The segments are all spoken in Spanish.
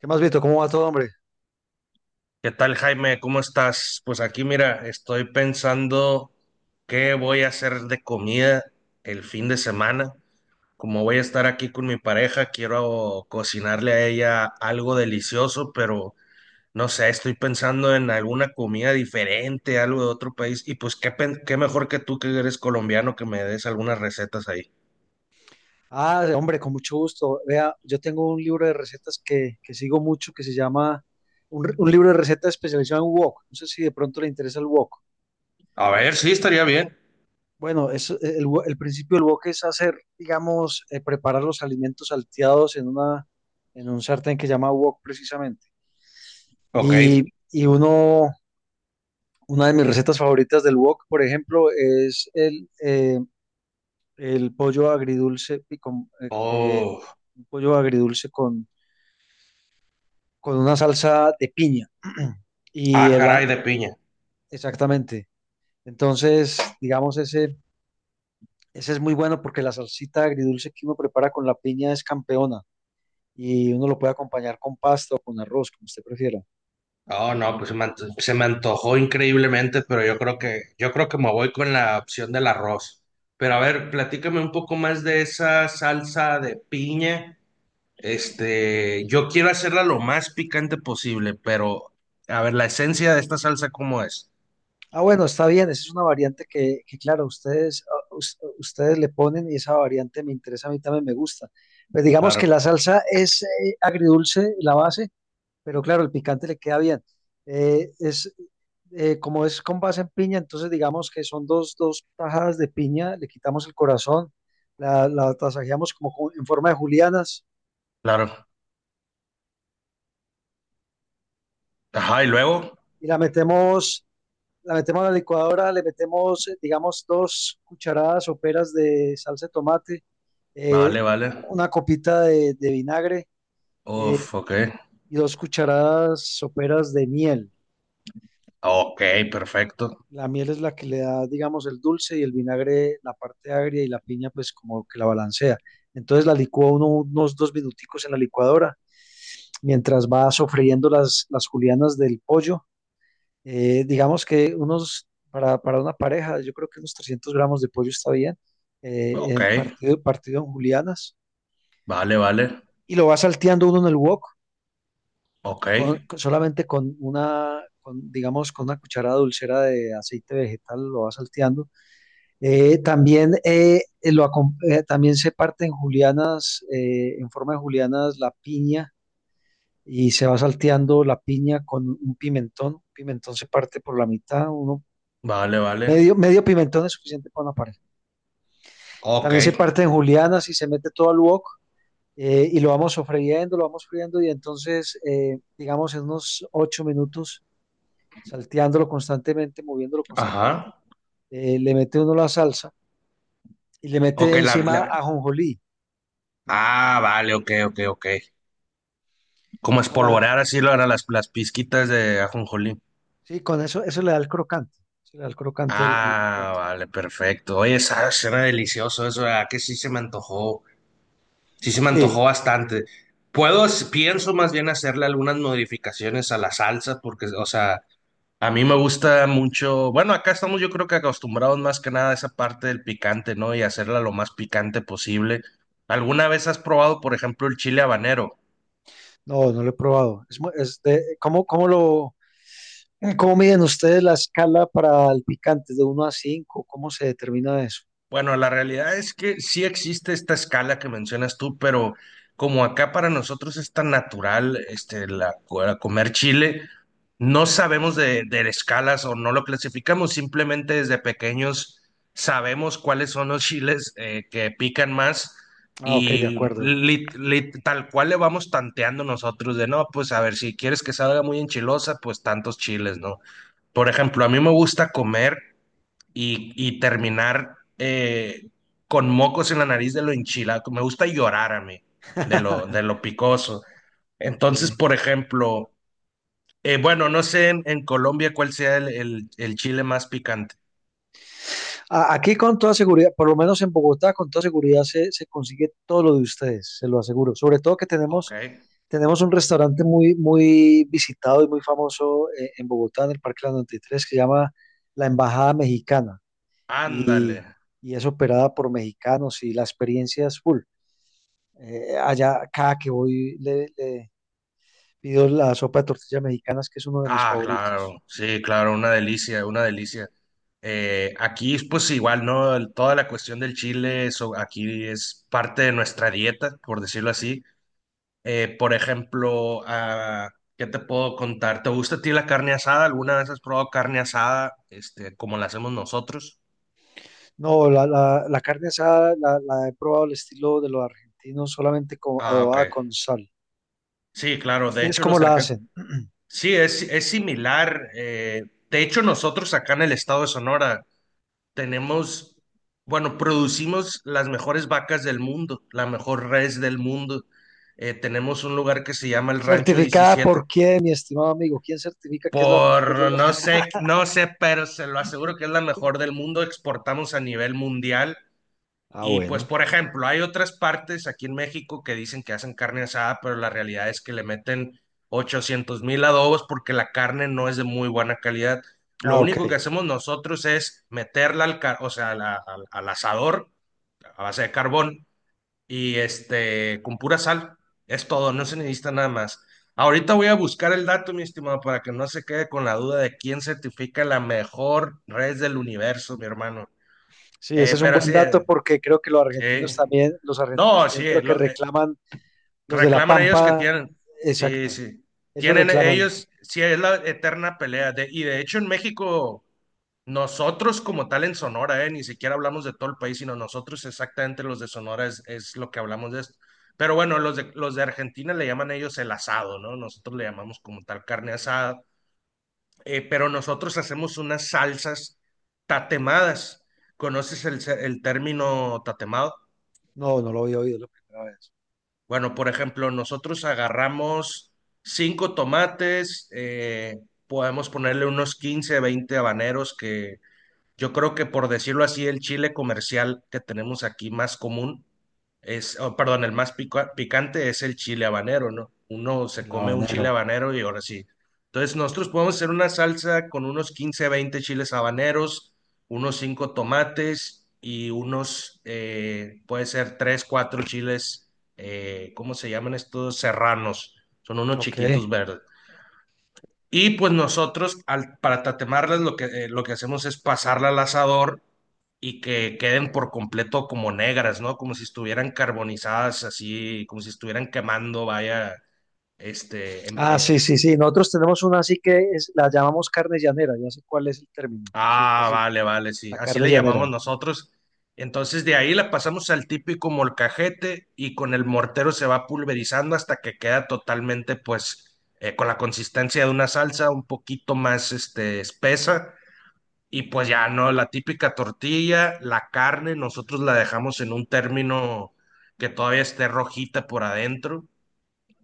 ¿Qué más, Vito? ¿Cómo va todo, hombre? ¿Qué tal, Jaime? ¿Cómo estás? Pues aquí, mira, estoy pensando qué voy a hacer de comida el fin de semana. Como voy a estar aquí con mi pareja, quiero cocinarle a ella algo delicioso, pero no sé, estoy pensando en alguna comida diferente, algo de otro país. Y pues, qué mejor que tú, que eres colombiano, que me des algunas recetas ahí. Ah, hombre, con mucho gusto. Vea, yo tengo un libro de recetas que sigo mucho, que se llama un libro de recetas especializado en wok. No sé si de pronto le interesa el wok. A ver, sí, estaría bien. Bueno, es, el principio del wok es hacer, digamos, preparar los alimentos salteados en un sartén que se llama wok precisamente. Ok. Y, y uno, una de mis recetas favoritas del wok, por ejemplo, es el pollo agridulce, Oh, un pollo agridulce con una salsa de piña. Y ah, el a- caray, de piña. exactamente. Entonces, digamos, ese es muy bueno porque la salsita agridulce que uno prepara con la piña es campeona, y uno lo puede acompañar con pasta o con arroz, como usted prefiera. Oh, no, pues se me antojó increíblemente, pero yo creo que me voy con la opción del arroz. Pero a ver, platícame un poco más de esa salsa de piña. Este, yo quiero hacerla lo más picante posible, pero a ver, la esencia de esta salsa, ¿cómo es? Ah, bueno, está bien, esa es una variante que, claro, ustedes le ponen, y esa variante me interesa, a mí también me gusta. Pues digamos que Claro, la salsa es, agridulce, la base. Pero claro, el picante le queda bien. Es, como es con base en piña, entonces digamos que son 2 tajadas de piña. Le quitamos el corazón, la tasajeamos, como en forma de julianas, claro. Ajá, y luego, y la metemos a la licuadora. Le metemos, digamos, 2 cucharadas soperas de salsa de tomate, eh, vale, vale. una copita de vinagre, eh, Uf, ok. y 2 cucharadas soperas de miel. Ok, perfecto. La miel es la que le da, digamos, el dulce, y el vinagre, la parte agria, y la piña pues como que la balancea. Entonces la licúa uno unos dos minuticos en la licuadora, mientras va sofriendo las julianas del pollo. Digamos que para una pareja, yo creo que unos 300 gramos de pollo está bien, Ok, partido en julianas. vale, vale. Y lo va salteando uno en el wok, Ok, solamente con digamos, con una cucharada dulcera de aceite vegetal, lo va salteando. También se parte en julianas, en forma de julianas, la piña, y se va salteando la piña con un pimentón. Pimentón se parte por la mitad, uno. vale, vale. Medio pimentón es suficiente para una pareja. Ok, También se parte en julianas y se mete todo al wok, y lo vamos sofriendo, lo vamos friendo, y entonces, digamos, en unos 8 minutos, salteándolo constantemente, moviéndolo constantemente, ajá. Le mete uno la salsa, y le mete Ok, encima ajonjolí. ah, vale, ok, ok, ok. Como Ahora, espolvorear así lo eran las pizquitas de ajonjolí. sí, con eso, eso le da el crocante, eso le da el crocante al Ah, plato. vale, perfecto. Oye, esa suena delicioso eso, ¿verdad? Que sí se me antojó, sí se me Sí, antojó bastante. Pienso más bien hacerle algunas modificaciones a la salsa, porque, o sea, a mí me gusta mucho, bueno, acá estamos yo creo que acostumbrados más que nada a esa parte del picante, ¿no? Y hacerla lo más picante posible. ¿Alguna vez has probado, por ejemplo, el chile habanero? no, no lo he probado. Es, ¿cómo, cómo miden ustedes la escala para el picante de uno a 5? ¿Cómo se determina eso? Bueno, la realidad es que sí existe esta escala que mencionas tú, pero como acá para nosotros es tan natural este, la comer chile, no sabemos de escalas o no lo clasificamos, simplemente desde pequeños sabemos cuáles son los chiles que pican más Ah, ok, de y acuerdo. Tal cual le vamos tanteando nosotros de, no, pues a ver, si quieres que salga muy enchilosa, pues tantos chiles, ¿no? Por ejemplo, a mí me gusta comer y terminar con mocos en la nariz de lo enchilado. Me gusta llorar a mí de lo, de lo picoso. Ok. Entonces, por ejemplo, bueno, no sé en Colombia cuál sea el chile más picante. Aquí con toda seguridad, por lo menos en Bogotá, con toda seguridad se consigue todo lo de ustedes, se lo aseguro. Sobre todo que Ok, tenemos, un restaurante muy, muy visitado y muy famoso, en Bogotá, en el Parque La 93, que se llama La Embajada Mexicana. y, ándale. y es operada por mexicanos, y la experiencia es full. Allá, cada que voy, le pido la sopa de tortillas mexicanas, que es uno de mis Ah, favoritos. claro, sí, claro, una delicia, una delicia. Aquí, pues igual, ¿no? Toda la cuestión del chile, eso aquí es parte de nuestra dieta, por decirlo así. Por ejemplo, ah, ¿qué te puedo contar? ¿Te gusta a ti la carne asada? ¿Alguna vez has probado carne asada, este, como la hacemos nosotros? No, la carne asada la he probado al estilo de los argentinos, solamente con, Ah, ok. adobada con sal. Sí, claro. De ¿Ustedes hecho, cómo los la argentinos. hacen? Sí, es similar. De hecho, nosotros acá en el estado de Sonora tenemos, bueno, producimos las mejores vacas del mundo, la mejor res del mundo. Tenemos un lugar que se llama el Rancho ¿Certificada Diecisiete. por quién, mi estimado amigo? ¿Quién certifica que es la mejor? Por no sé, no sé, pero se lo aseguro que es la la- mejor del mundo. Exportamos a nivel mundial. Ah, Y pues, bueno. por ejemplo, hay otras partes aquí en México que dicen que hacen carne asada, pero la realidad es que le meten 800,000 adobos porque la carne no es de muy buena calidad. Lo Ah, ok. único que hacemos nosotros es meterla, o sea, a la- al al asador a base de carbón y este, con pura sal. Es todo, no se necesita nada más. Ahorita voy a buscar el dato, mi estimado, para que no se quede con la duda de quién certifica la mejor red del universo, mi hermano. Sí, ese es un Pero buen sí, dato, porque creo que sí. Los argentinos No, también sí, creo que reclaman. Los de La reclaman ellos que Pampa, tienen, sí, exacta. sí, Ellos tienen reclaman. ellos, sí, es la eterna pelea. Y de hecho en México, nosotros como tal en Sonora, ni siquiera hablamos de todo el país, sino nosotros exactamente los de Sonora es lo que hablamos de esto. Pero bueno, los de Argentina le llaman ellos el asado, ¿no? Nosotros le llamamos como tal carne asada, pero nosotros hacemos unas salsas tatemadas. ¿Conoces el término tatemado? No, no lo había oído la primera vez. Bueno, por ejemplo, nosotros agarramos cinco tomates, podemos ponerle unos 15, 20 habaneros que yo creo que por decirlo así, el chile comercial que tenemos aquí más común es, oh, perdón, el más picante es el chile habanero, ¿no? Uno se El come un chile habanero. habanero y ahora sí. Entonces nosotros podemos hacer una salsa con unos 15, 20 chiles habaneros, unos 5 tomates y unos, puede ser 3, 4 chiles, ¿cómo se llaman estos? Serranos. Son unos Ok. chiquitos verdes. Y pues nosotros, para tatemarlas, lo que hacemos es pasarla al asador y que queden por completo como negras, ¿no? Como si estuvieran carbonizadas, así, como si estuvieran quemando, vaya, este, Ah, sí, sí, sí. Nosotros tenemos una así que es, la llamamos carne llanera. Ya sé cuál es el término. Sí, ah, casi. vale, vale, sí, La así carne le llamamos llanera. nosotros. Entonces de ahí la pasamos al típico molcajete y con el mortero se va pulverizando hasta que queda totalmente, pues, con la consistencia de una salsa un poquito más, este, espesa. Y pues ya, ¿no? La típica tortilla, la carne, nosotros la dejamos en un término que todavía esté rojita por adentro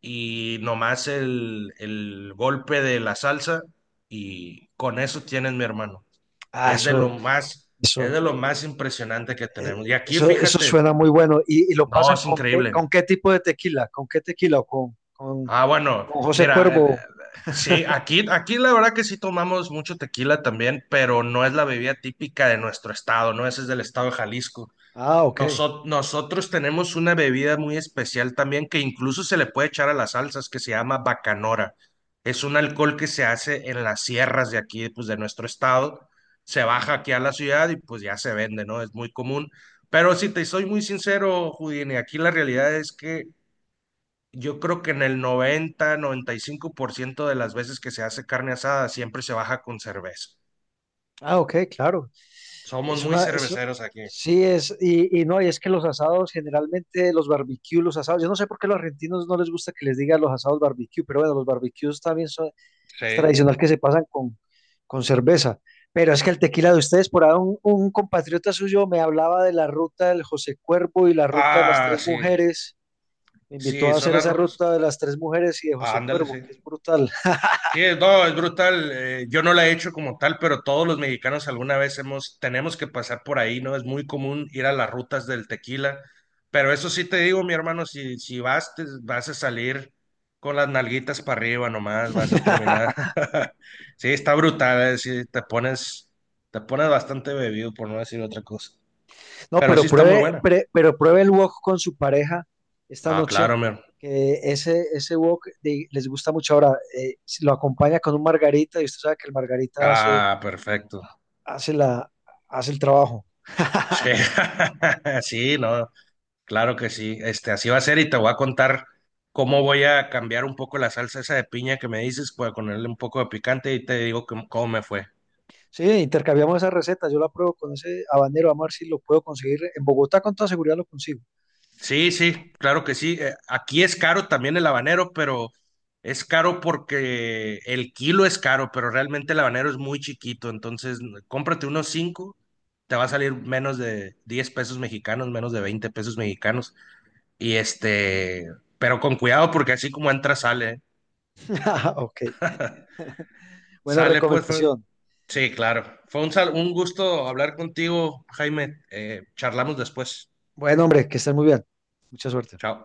y nomás el golpe de la salsa y con eso tienes, mi hermano. Ah, Es de lo más, es eso, de lo más impresionante que eh, tenemos. Y aquí, eso fíjate, suena muy bueno. Y lo no, pasan es con qué, increíble. Tipo de tequila? ¿Con qué tequila? ¿O Ah, bueno, con José mira, Cuervo? sí, aquí la verdad que sí tomamos mucho tequila también, pero no es la bebida típica de nuestro estado, ¿no? Ese es del estado de Jalisco. Ah, ok. Nosotros tenemos una bebida muy especial también que incluso se le puede echar a las salsas que se llama bacanora. Es un alcohol que se hace en las sierras de aquí, pues de nuestro estado. Se baja aquí a la ciudad y pues ya se vende, ¿no? Es muy común. Pero si te soy muy sincero, Houdini, aquí la realidad es que yo creo que en el noventa y cinco por ciento de las veces que se hace carne asada siempre se baja con cerveza. Ah, ok, claro. Somos Es muy una, es- cerveceros aquí. sí, es, y no, y es que los asados generalmente, los barbecues, los asados, yo no sé por qué los argentinos no les gusta que les digan los asados barbecue, pero bueno, los barbecues también es Sí. tradicional que se pasan con, cerveza. Pero es que el tequila de ustedes, por ahí un compatriota suyo me hablaba de la ruta del José Cuervo y la ruta de las Ah, tres sí. mujeres. Me invitó Sí, a hacer son esa arroz. ruta de las tres mujeres y de Ah, José ándale, Cuervo, sí. que es brutal. Sí, no, es brutal. Yo no la he hecho como tal, pero todos los mexicanos alguna vez tenemos que pasar por ahí, ¿no? Es muy común ir a las rutas del tequila. Pero eso sí te digo, mi hermano, si vas, vas a salir con las nalguitas para arriba nomás, vas a terminar. Sí, está brutal, sí, te pones bastante bebido, por no decir otra cosa. No, Pero sí pero está muy buena. Pero pruebe el wok con su pareja esta Ah, noche, claro, mi hermano. que ese wok de- les gusta mucho. Ahora, si lo acompaña con un margarita, y usted sabe que el margarita hace, Ah, perfecto. hace la, hace el trabajo. Sí, sí, no. Claro que sí, este, así va a ser y te voy a contar cómo voy a cambiar un poco la salsa esa de piña que me dices, para ponerle un poco de picante y te digo cómo me fue. Sí, intercambiamos esa receta, yo la pruebo con ese habanero, vamos a ver si lo puedo conseguir. En Bogotá con toda seguridad lo consigo. Sí, sí, claro que sí. Aquí es caro también el habanero, pero es caro porque el kilo es caro, pero realmente el habanero es muy chiquito, entonces cómprate unos cinco, te va a salir menos de 10 pesos mexicanos, menos de 20 pesos mexicanos y este, pero con cuidado porque así como entra sale. ¿Eh? Ok, buena Sale, pues, recomendación. sí, claro. Un gusto hablar contigo, Jaime. Charlamos después. Bueno, hombre, que estén muy bien. Mucha suerte. Chao.